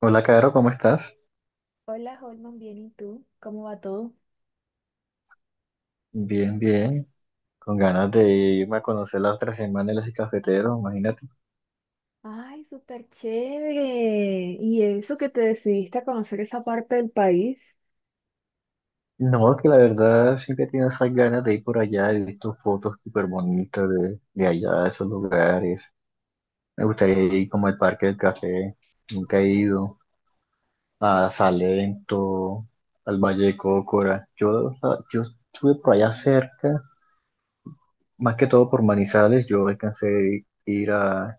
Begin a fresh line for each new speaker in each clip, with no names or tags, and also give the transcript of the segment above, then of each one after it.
Hola, Caro, ¿cómo estás?
Hola, Holman, bien, ¿y tú? ¿Cómo va todo?
Bien, bien. Con ganas de irme a conocer la otra semana en las cafeteros, imagínate.
Ay, súper chévere. ¿Y eso que te decidiste a conocer esa parte del país?
No, que la verdad siempre tengo esas ganas de ir por allá. He visto fotos súper bonitas de allá, de esos lugares. Me gustaría ir como al Parque del Café. Nunca he ido. A Salento, al Valle de Cocora. Yo estuve por allá cerca, más que todo por Manizales. Yo alcancé a ir a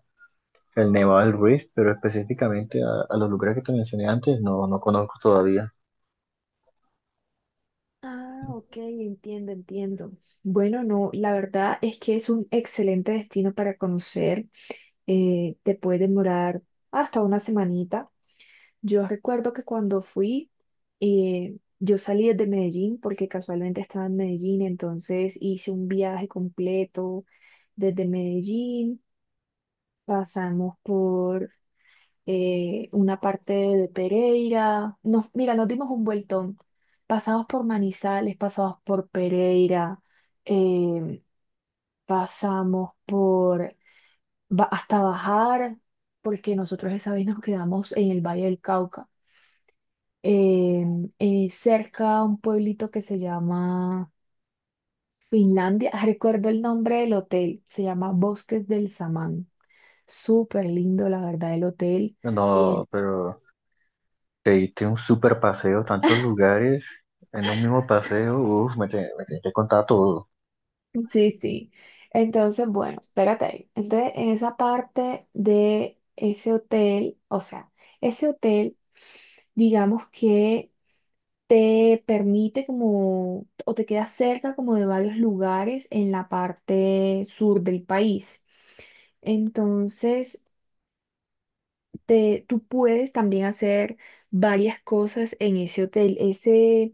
El Nevado del Ruiz, pero específicamente a los lugares que te mencioné antes, no conozco todavía.
Ah, ok, entiendo, entiendo. Bueno, no, la verdad es que es un excelente destino para conocer. Te puede demorar hasta una semanita. Yo recuerdo que cuando fui, yo salí desde Medellín porque casualmente estaba en Medellín, entonces hice un viaje completo desde Medellín. Pasamos por una parte de Pereira. Mira, nos dimos un vueltón. Pasamos por Manizales, pasamos por Pereira, eh, pasamos por hasta bajar, porque nosotros esa vez nos quedamos en el Valle del Cauca, eh, cerca a un pueblito que se llama Finlandia. Recuerdo el nombre del hotel, se llama Bosques del Samán. Súper lindo, la verdad, el hotel.
No, pero te diste un super paseo, tantos lugares en un mismo paseo, uff, me tienes que contar todo.
Sí, sí. Entonces, bueno, espérate ahí. Entonces, en esa parte de ese hotel, o sea, ese hotel, digamos que te permite como, o te queda cerca como de varios lugares en la parte sur del país. Entonces, tú puedes también hacer varias cosas en ese hotel. Ese,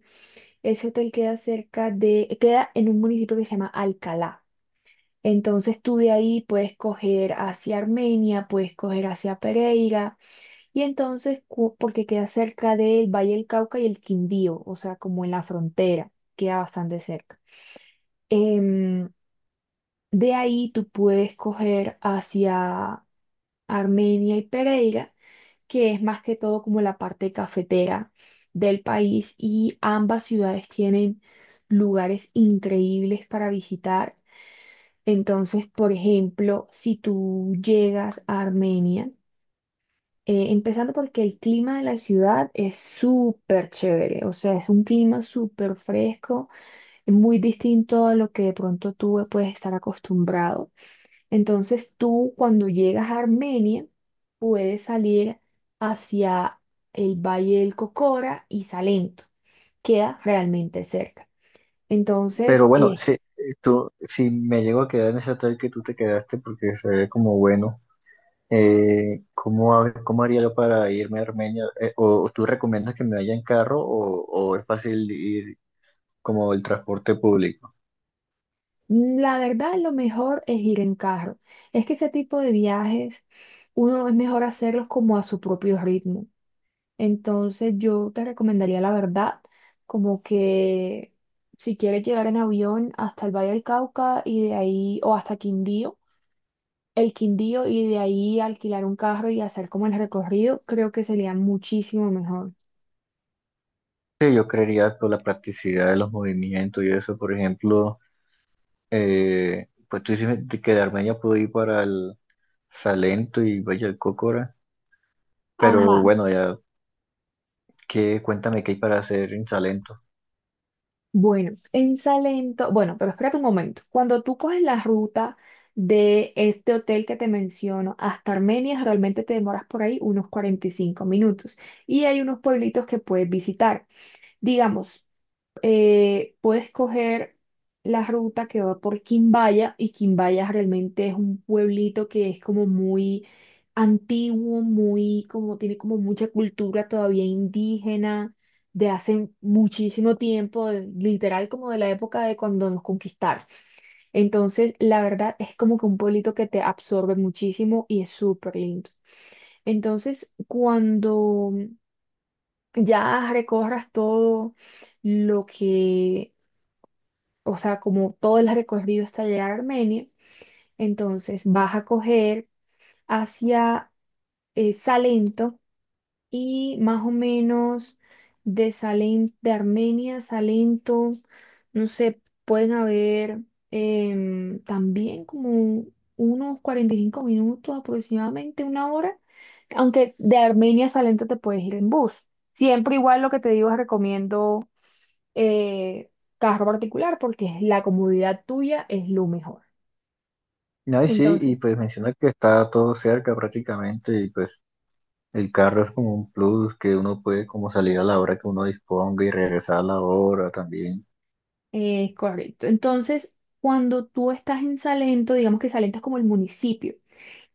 ese hotel queda cerca de, queda en un municipio que se llama Alcalá. Entonces tú de ahí puedes coger hacia Armenia, puedes coger hacia Pereira, y entonces, porque queda cerca del Valle del Cauca y el Quindío, o sea, como en la frontera, queda bastante cerca. Em, de ahí tú puedes coger hacia Armenia y Pereira, que es más que todo como la parte cafetera del país, y ambas ciudades tienen lugares increíbles para visitar. Entonces, por ejemplo, si tú llegas a Armenia, empezando porque el clima de la ciudad es súper chévere, o sea, es un clima súper fresco, muy distinto a lo que de pronto tú puedes estar acostumbrado. Entonces, tú cuando llegas a Armenia, puedes salir hacia el Valle del Cocora y Salento, queda realmente cerca.
Pero
Entonces,
bueno, si, tú, si me llego a quedar en ese hotel que tú te quedaste, porque se ve como bueno, ¿cómo, cómo haría yo para irme a Armenia? O, o tú recomiendas que me vaya en carro o, ¿o es fácil ir como el transporte público?
la verdad, lo mejor es ir en carro. Es que ese tipo de viajes, uno es mejor hacerlos como a su propio ritmo. Entonces, yo te recomendaría la verdad, como que si quieres llegar en avión hasta el Valle del Cauca y de ahí, o hasta el Quindío y de ahí alquilar un carro y hacer como el recorrido, creo que sería muchísimo mejor.
Sí, yo creería por la practicidad de los movimientos y eso, por ejemplo, pues tú dices que de Armenia puedo ir para el Salento y vaya el Cócora, pero
Ajá.
bueno, ya qué, cuéntame qué hay para hacer en Salento.
Bueno, en Salento, bueno, pero espérate un momento. Cuando tú coges la ruta de este hotel que te menciono hasta Armenia, realmente te demoras por ahí unos 45 minutos y hay unos pueblitos que puedes visitar. Digamos, puedes coger la ruta que va por Quimbaya y Quimbaya realmente es un pueblito que es como muy antiguo, muy como tiene como mucha cultura todavía indígena de hace muchísimo tiempo, literal como de la época de cuando nos conquistaron. Entonces, la verdad es como que un pueblito que te absorbe muchísimo y es súper lindo. Entonces, cuando ya recorras todo lo que o sea, como todo el recorrido hasta llegar a Armenia, entonces vas a coger hacia Salento y más o menos de Salento, de Armenia a Salento, no sé, pueden haber también como unos 45 minutos, aproximadamente una hora, aunque de Armenia a Salento te puedes ir en bus. Siempre igual lo que te digo, recomiendo eh, carro particular porque la comodidad tuya es lo mejor.
Ay, sí, y
Entonces,
pues menciona que está todo cerca prácticamente y pues el carro es como un plus que uno puede como salir a la hora que uno disponga y regresar a la hora también.
es correcto. Entonces, cuando tú estás en Salento, digamos que Salento es como el municipio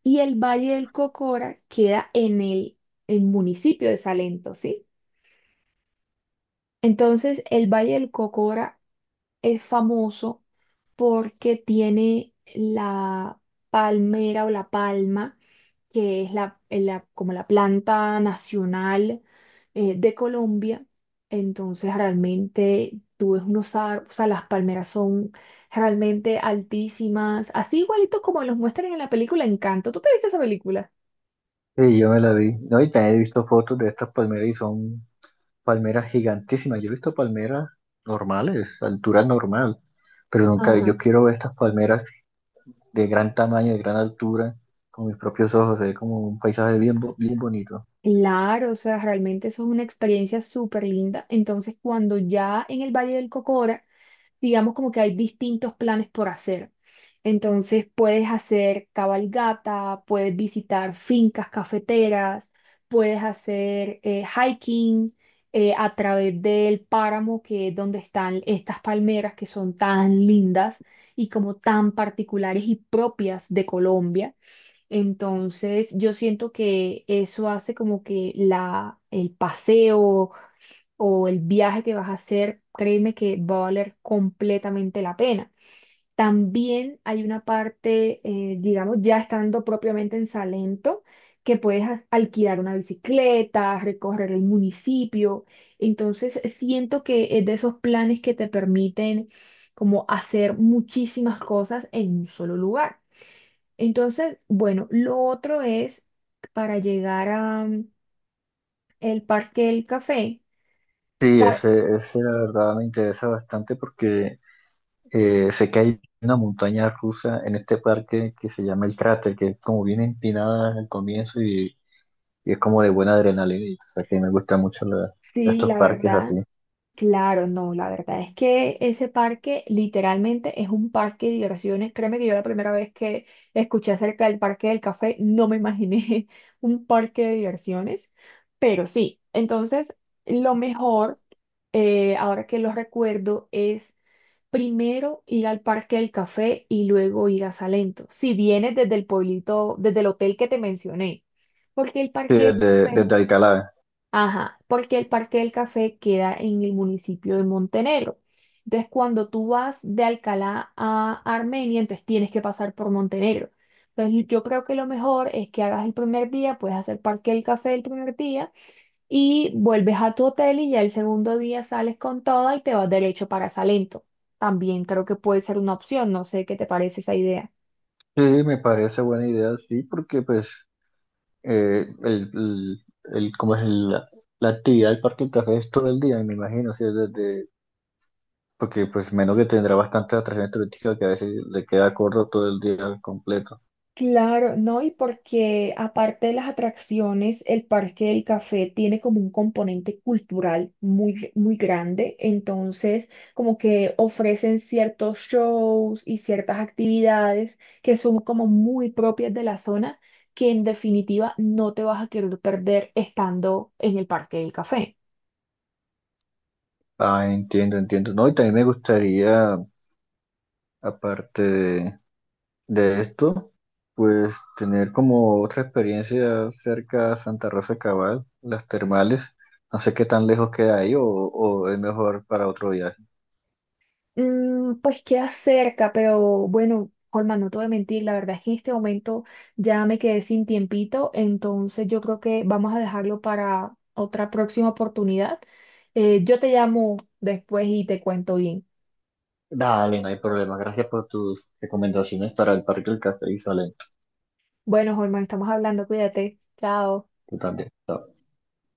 y el Valle del Cocora queda en el municipio de Salento, ¿sí? Entonces, el Valle del Cocora es famoso porque tiene la palmera o la palma, que es como la planta nacional de Colombia. Entonces realmente tú ves unos árboles, o sea, las palmeras son realmente altísimas, así igualito como los muestran en la película Encanto. ¿Tú te viste esa película?
Sí, yo me la vi. No, y también he visto fotos de estas palmeras y son palmeras gigantísimas. Yo he visto palmeras normales, altura normal, pero nunca,
Ajá.
yo quiero ver estas palmeras de gran tamaño, de gran altura, con mis propios ojos, es como un paisaje bien, bien bonito.
Claro, o sea, realmente eso es una experiencia súper linda. Entonces, cuando ya en el Valle del Cocora digamos como que hay distintos planes por hacer. Entonces puedes hacer cabalgata, puedes visitar fincas cafeteras, puedes hacer hiking a través del páramo, que es donde están estas palmeras que son tan lindas y como tan particulares y propias de Colombia. Entonces yo siento que eso hace como que el paseo o el viaje que vas a hacer, créeme que va a valer completamente la pena. También hay una parte, digamos, ya estando propiamente en Salento, que puedes alquilar una bicicleta, recorrer el municipio. Entonces, siento que es de esos planes que te permiten como hacer muchísimas cosas en un solo lugar. Entonces, bueno, lo otro es para llegar a el Parque del Café.
Sí,
¿Sabe?
ese la verdad me interesa bastante porque sé que hay una montaña rusa en este parque que se llama el cráter, que es como bien empinada al comienzo y es como de buena adrenalina, y, o sea que me gustan mucho
Sí,
estos
la
parques
verdad.
así.
Claro, no, la verdad es que ese parque literalmente es un parque de diversiones. Créeme que yo la primera vez que escuché acerca del parque del café no me imaginé un parque de diversiones, pero sí, entonces lo mejor, ahora que lo recuerdo, es primero ir al parque del café y luego ir a Salento, si vienes desde el pueblito, desde el hotel que te mencioné, porque el
Sí,
parque del
desde,
café.
desde Alcalá.
Ajá. Porque el Parque del Café queda en el municipio de Montenegro. Entonces, cuando tú vas de Alcalá a Armenia, entonces tienes que pasar por Montenegro. Entonces, yo creo que lo mejor es que hagas el primer día, puedes hacer Parque del Café el primer día y vuelves a tu hotel y ya el segundo día sales con toda y te vas derecho para Salento. También creo que puede ser una opción, no sé qué te parece esa idea.
Sí, me parece buena idea, sí, porque pues eh, el, el, el- como es el- la actividad del Parque del Café es todo el día, me imagino, sí, desde, porque pues menos que tendrá bastante atracción turística que a veces le queda corto todo el día completo.
Claro, no, y porque aparte de las atracciones, el Parque del Café tiene como un componente cultural muy, muy grande, entonces como que ofrecen ciertos shows y ciertas actividades que son como muy propias de la zona, que en definitiva no te vas a querer perder estando en el Parque del Café.
Ah, entiendo, entiendo. No, y también me gustaría, aparte de esto, pues tener como otra experiencia cerca a Santa Rosa de Cabal, las termales. No sé qué tan lejos queda ahí o es mejor para otro viaje.
Pues queda cerca, pero bueno, Holman, no te voy a mentir, la verdad es que en este momento ya me quedé sin tiempito, entonces yo creo que vamos a dejarlo para otra próxima oportunidad. Yo te llamo después y te cuento bien.
Dale, no hay problema. Gracias por tus recomendaciones para el Parque del Café y Salento.
Bueno, Holman, estamos hablando, cuídate, chao.
Tú también. Chao.